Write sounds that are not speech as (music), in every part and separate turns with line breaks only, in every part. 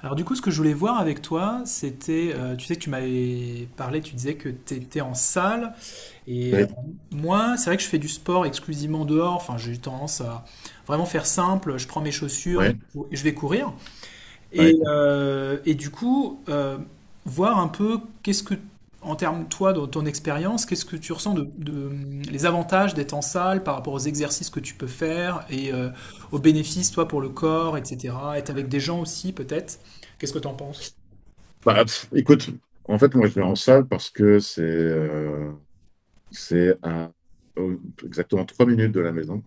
Alors du coup, ce que je voulais voir avec toi, c'était, tu sais que tu m'avais parlé, tu disais que tu étais en salle, et
Oui,
moi, c'est vrai que je fais du sport exclusivement dehors, enfin j'ai eu tendance à vraiment faire simple, je prends mes chaussures et
ouais,
je vais courir. Et,
ouais.
euh, et du coup, voir un peu qu'est-ce que, en termes, toi, dans ton expérience, qu'est-ce que tu ressens de, les avantages d'être en salle par rapport aux exercices que tu peux faire et aux bénéfices, toi, pour le corps, etc. Être avec des gens aussi, peut-être. Qu'est-ce que tu en penses?
Bah, pff, écoute, en fait, moi, je vais en salle parce que c'est à au- exactement 3 minutes de la maison.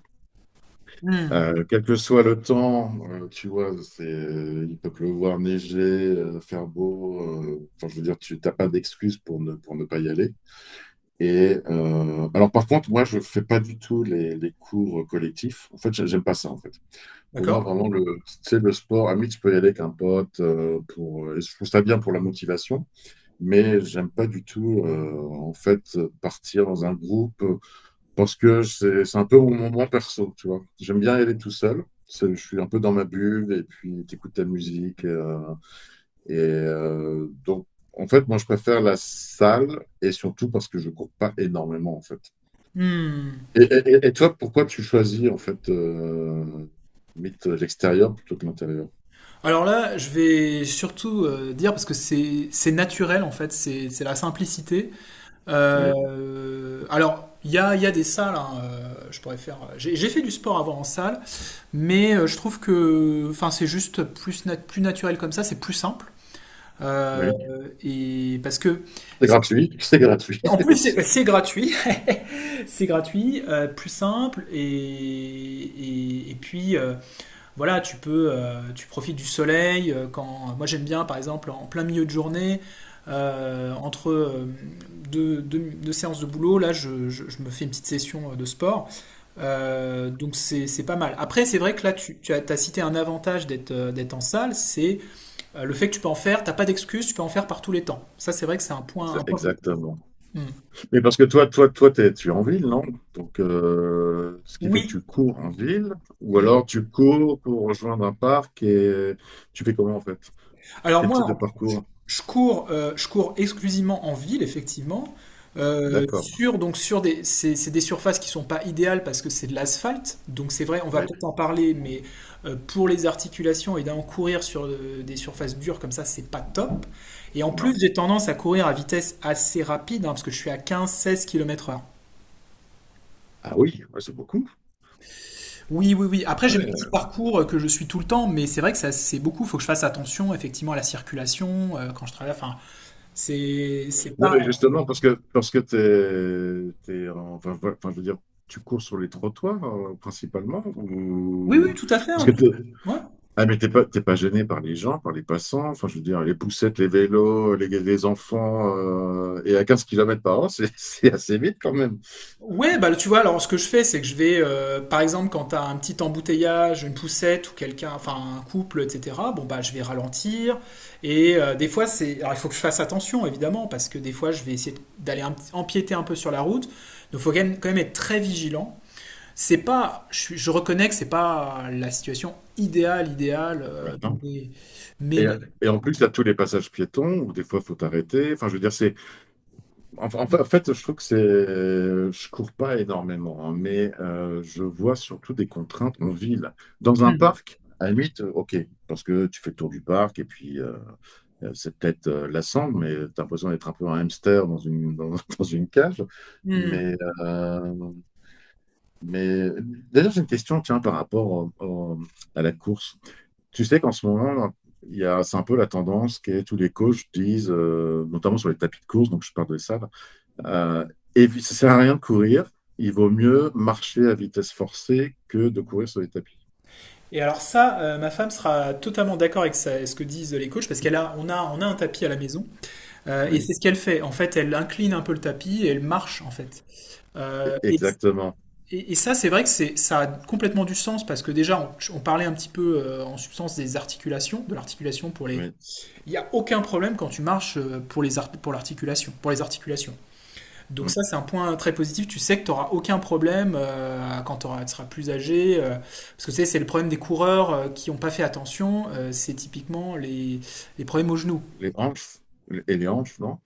Hmm.
Quel que soit le temps, tu vois, c'est, il peut pleuvoir, neiger, faire beau. Enfin, je veux dire, tu n'as pas d'excuse pour ne pas y aller. Et alors, par contre, moi, je fais pas du tout les cours collectifs. En fait, j'aime pas ça, en fait. Pour moi,
D'accord?
vraiment, c'est le sport. À mi, tu peux y aller avec un pote. Et je trouve ça bien pour la motivation. Mais j'aime pas du tout en fait partir dans un groupe, parce que c'est un peu mon moment perso, tu vois. J'aime bien aller tout seul. C'est- Je suis un peu dans ma bulle et puis t'écoutes ta musique, et donc en fait, moi, je préfère la salle, et surtout parce que je cours pas énormément, en fait.
Hmm.
Et, et toi, pourquoi tu choisis en fait limite l'extérieur plutôt que l'intérieur?
Alors là, je vais surtout dire, parce que c'est naturel, en fait, c'est la simplicité.
Oui,
Alors, il y a des salles, hein, je pourrais faire. J'ai fait du sport avant en salle, mais je trouve que enfin, c'est juste plus, plus naturel comme ça, c'est plus simple. Euh,
oui.
et parce que,
C'est gratuit, (laughs) c'est gratuit
en plus,
aussi.
c'est gratuit, (laughs) c'est gratuit, plus simple, et puis, voilà, tu peux, tu profites du soleil. Quand moi j'aime bien, par exemple, en plein milieu de journée, entre deux séances de boulot, là, je me fais une petite session de sport. Donc c'est pas mal. Après, c'est vrai que là, t'as cité un avantage d'être d'être en salle, c'est le fait que tu peux en faire. T'as pas d'excuse, tu peux en faire par tous les temps. Ça, c'est vrai que c'est un point, un point. positif.
Exactement.
Mm.
Mais parce que tu es en ville, non? Donc, ce qui fait que
Oui.
tu cours en ville, ou
Hmm.
alors tu cours pour rejoindre un parc et tu fais comment, en fait?
Alors
Quel
moi,
type de parcours?
je cours, je cours exclusivement en ville, effectivement,
D'accord.
sur, donc sur des, c'est des surfaces qui sont pas idéales parce que c'est de l'asphalte. Donc c'est vrai, on va peut-être
Oui.
en parler, mais pour les articulations, évidemment, courir sur des surfaces dures comme ça, c'est pas top. Et en
Non.
plus, j'ai tendance à courir à vitesse assez rapide, hein, parce que je suis à 15-16 km/h.
Ah oui, ouais, c'est beaucoup.
Oui, oui, oui. Après,
Ah
j'ai mon petit
ouais.
parcours que je suis tout le temps, mais c'est vrai que ça, c'est beaucoup. Il faut que je fasse attention, effectivement, à la circulation quand je travaille. Enfin, C'est
Non,
pas.
mais justement, parce que enfin, voilà, enfin, je veux dire, tu cours sur les trottoirs, principalement,
Oui, oui,
ou
tout à fait.
parce que t'es-
Ouais.
Ah, mais t'es pas gêné par les gens, par les passants, enfin, je veux dire, les poussettes, les vélos, les enfants, et à 15 km/h, c'est (laughs) c'est assez vite quand même.
Ouais, bah tu vois, alors ce que je fais, c'est que je vais, par exemple, quand t'as un petit embouteillage, une poussette ou quelqu'un, enfin un couple, etc. Bon bah je vais ralentir. Et des fois c'est, alors il faut que je fasse attention évidemment parce que des fois je vais essayer d'aller empiéter un peu sur la route. Donc faut quand même être très vigilant. C'est pas, je reconnais que c'est pas la situation idéale, idéale,
Ouais, non.
mais
Et,
bon.
et en plus, il y a tous les passages piétons où des fois, il faut t'arrêter. Enfin, je veux dire, c'est. Enfin, en fait, je trouve que c'est. Je cours pas énormément, hein, mais je vois surtout des contraintes en ville. Dans un
Hmm.
parc, à la limite, OK, parce que tu fais le tour du parc et puis, c'est peut-être lassant, mais tu as l'impression d'être un peu un hamster dans une, dans, (laughs) dans une cage.
Hmm.
Mais, euh, mais, d'ailleurs, j'ai une question, tiens, par rapport à la course. Tu sais qu'en ce moment, c'est un peu la tendance qui est tous les coachs disent, notamment sur les tapis de course, donc je parle de ça, là, euh, ça sert à rien de courir, il vaut mieux marcher à vitesse forcée que de courir sur les tapis.
Et alors ça, ma femme sera totalement d'accord avec ce que disent les coachs, parce qu'elle a, on a, on a un tapis à la maison, et
Oui,
c'est ce qu'elle fait. En fait, elle incline un peu le tapis et elle marche en fait. Euh, et,
exactement.
et ça, c'est vrai que ça a complètement du sens parce que déjà, on parlait un petit peu en substance des articulations, de l'articulation pour les.
Oui.
Il n'y a aucun problème quand tu marches pour l'articulation, pour les articulations. Donc ça,
Mm.
c'est un point très positif. Tu sais que tu n'auras aucun problème quand tu seras plus âgé. Parce que tu sais, c'est le problème des coureurs qui n'ont pas fait attention. C'est typiquement les problèmes aux genoux.
Les hanches, et les hanches, non?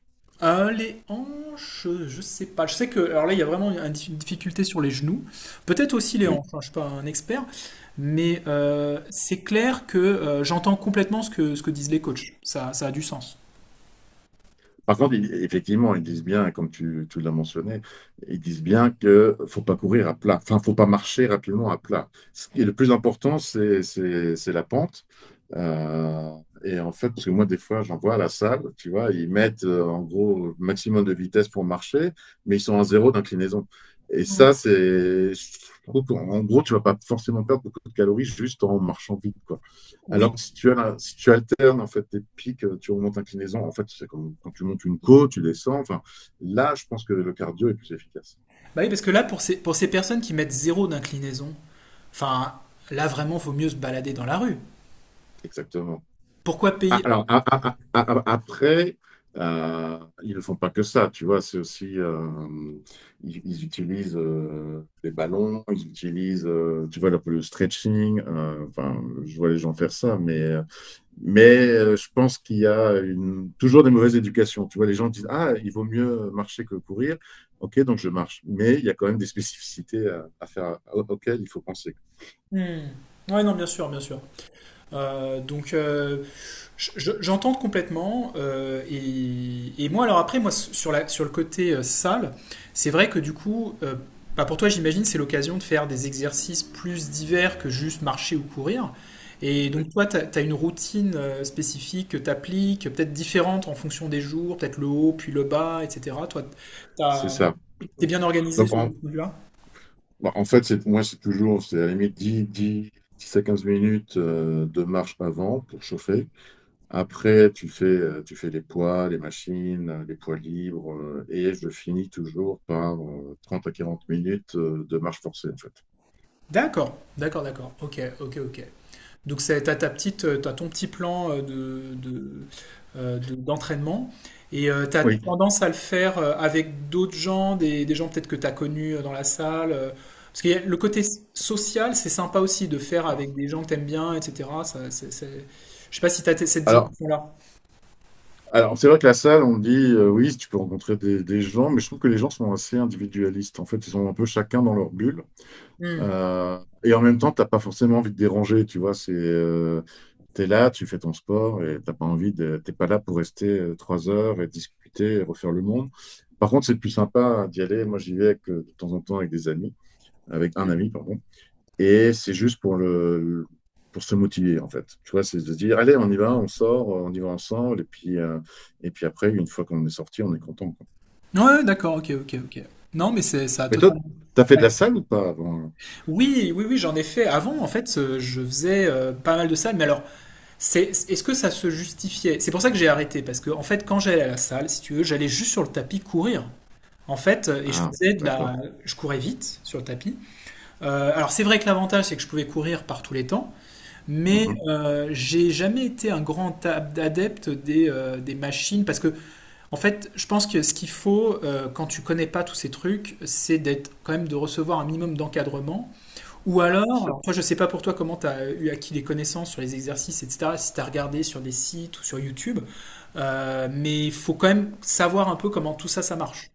Les hanches, je sais pas. Je sais que. Alors là, il y a vraiment une une difficulté sur les genoux. Peut-être aussi les
Oui.
hanches, hein, je suis pas un expert. Mais c'est clair que j'entends complètement ce que disent les coachs. Ça a du sens.
Par contre, effectivement, ils disent bien, comme tu l'as mentionné, ils disent bien que faut pas courir à plat, enfin, faut pas marcher rapidement à plat. Ce qui est le plus important, c'est la pente. Euh, et en fait, parce que moi, des fois, j'en vois à la salle, tu vois, ils mettent en gros maximum de vitesse pour marcher, mais ils sont à zéro d'inclinaison. Et ça, c'est, je trouve qu'en gros, tu vas pas forcément perdre beaucoup de calories juste en marchant vite, quoi. Alors
Oui.
que si tu alternes en fait tes pics, tu remontes inclinaison. En fait, c'est comme quand tu montes une côte, tu descends. Enfin, là, je pense que le cardio est plus efficace.
Bah oui, parce que là, pour ces personnes qui mettent zéro d'inclinaison, enfin, là vraiment, il faut mieux se balader dans la rue.
Exactement.
Pourquoi payer?
Après, euh, ils ne font pas que ça. Tu vois, c'est aussi ils utilisent les ballons, ils utilisent, tu vois, le stretching. Enfin, je vois les gens faire ça. Je pense qu'il y a toujours des mauvaises éducations. Tu vois, les gens disent, Ah, il vaut mieux marcher que courir. OK, donc je marche. Mais il y a quand même des spécificités à faire, auxquelles il faut penser.
Hmm. Ouais, non, bien sûr, bien sûr. Donc, j'entends complètement. Et moi, alors après, moi, sur le côté salle, c'est vrai que du coup, bah, pour toi, j'imagine, c'est l'occasion de faire des exercices plus divers que juste marcher ou courir. Et
Oui,
donc, toi, tu as, une routine spécifique que tu appliques, peut-être différente en fonction des jours, peut-être le haut, puis le bas, etc. Toi,
c'est
t'as-
ça.
t'es bien organisé
Donc,
sur ce point là.
bon, en fait, moi, c'est toujours, c'est à la limite 10 10 10 à 15 minutes de marche avant pour chauffer. Après, tu fais les poids, les machines, les poids libres. Et je finis toujours par 30 à 40 minutes de marche forcée, en fait.
D'accord, d'accord, d'accord. Ok, ok, ok. Donc c'est t'as ton petit plan d'entraînement et t'as
Oui.
tendance à le faire avec d'autres gens, des gens peut-être que t'as connus dans la salle. Parce que le côté social, c'est sympa aussi de faire avec des gens que t'aimes bien, etc. Ça, je sais pas si t'as cette
Alors,
dimension-là.
Alors, c'est vrai que la salle, on dit, oui, tu peux rencontrer des gens, mais je trouve que les gens sont assez individualistes. En fait, ils sont un peu chacun dans leur bulle.
Hmm.
Euh, et en même temps, t'as pas forcément envie de déranger, tu vois. C'est, t'es là, tu fais ton sport et t'as pas envie de, t'es pas là pour rester 3 heures et discuter et refaire le monde. Par contre, c'est plus sympa d'y aller. Moi, j'y vais avec, de temps en temps avec des amis, avec un
Ouais,
ami, pardon. Et c'est juste pour pour se motiver, en fait. Tu vois, c'est de se dire, allez, on y va, on sort, on y va ensemble. Et puis, après, une fois qu'on est sorti, on est content, quoi.
ouais, d'accord, ok, ok, ok. Non, mais c'est ça a
Mais toi,
totalement.
t'as fait de
Ouais.
la salle ou pas avant?
Oui, oui, oui, j'en ai fait. Avant, en fait, je faisais pas mal de salles, mais alors. Est-ce que ça se justifiait. C'est pour ça que j'ai arrêté, parce que en fait, quand j'allais à la salle, si tu veux, j'allais juste sur le tapis courir. En fait, et je
Ah,
faisais de la,
d'accord.
je courais vite sur le tapis. Alors c'est vrai que l'avantage, c'est que je pouvais courir par tous les temps, mais
Mhm.
j'ai jamais été un grand adepte des machines, parce que en fait, je pense que ce qu'il faut quand tu connais pas tous ces trucs, c'est d'être quand même de recevoir un minimum d'encadrement. Ou
Ah, bien
alors,
sûr.
alors, toi, je sais pas pour toi comment tu as eu acquis des connaissances sur les exercices, etc., si tu as regardé sur des sites ou sur YouTube, mais il faut quand même savoir un peu comment tout ça, ça marche.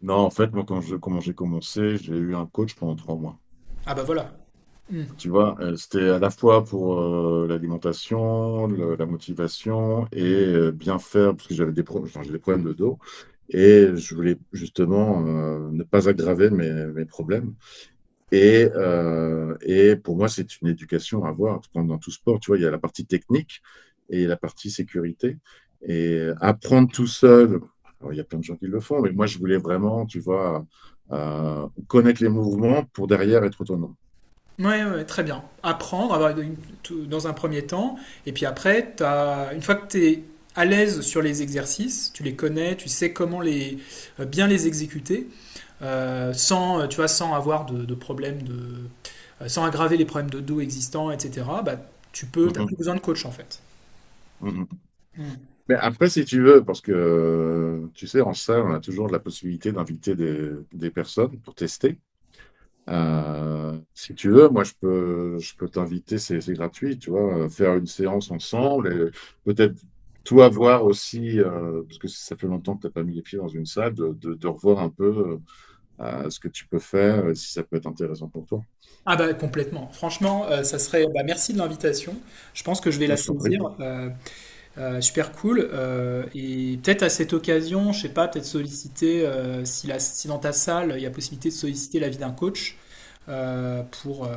Non, en fait, moi, quand je, comment j'ai commencé, j'ai eu un coach pendant 3 mois.
Ah bah voilà. Hmm.
Tu vois, c'était à la fois pour l'alimentation, la motivation et bien faire, parce que enfin, j'ai des problèmes de dos. Et je voulais justement ne pas aggraver mes problèmes. Et, pour moi, c'est une éducation à avoir. Comme dans tout sport, tu vois, il y a la partie technique et la partie sécurité. Et apprendre tout seul, alors, il y a plein de gens qui le font, mais moi, je voulais vraiment, tu vois, connaître les mouvements pour derrière être autonome.
Ouais, ouais, très bien. Apprendre avoir dans un premier temps, et puis après, une fois que tu es à l'aise sur les exercices, tu les connais, tu sais comment bien les exécuter, sans, tu vois, sans avoir de problème de, sans aggraver les problèmes de dos existants, etc. Bah, t'as plus
Mhm,
besoin de coach en fait.
mhm.
Mm.
Mais après, si tu veux, parce que tu sais, en salle, on a toujours la possibilité d'inviter des personnes pour tester. Si tu veux, moi je peux t'inviter, c'est gratuit, tu vois, faire une séance ensemble et peut-être toi voir aussi, parce que ça fait longtemps que tu n'as pas mis les pieds dans une salle, de revoir un peu ce que tu peux faire, et si ça peut être intéressant pour toi.
Ah bah complètement. Franchement, ça serait. Bah, merci de l'invitation. Je pense que je vais la
Ouais, je t'en prie.
saisir. Super cool. Et peut-être à cette occasion, je sais pas, peut-être solliciter si dans ta salle il y a possibilité de solliciter l'avis d'un coach euh, pour, euh,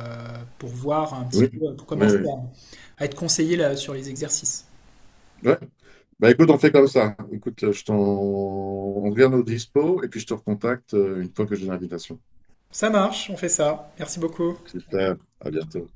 pour voir un petit
Oui,
peu, pour
oui,
commencer
oui.
à être conseillé là, sur les exercices.
Ouais. Bah écoute, on fait comme ça. Écoute, je t'en... on revient au dispo et puis je te recontacte une fois que j'ai l'invitation.
Ça marche, on fait ça. Merci beaucoup.
Super, à bientôt.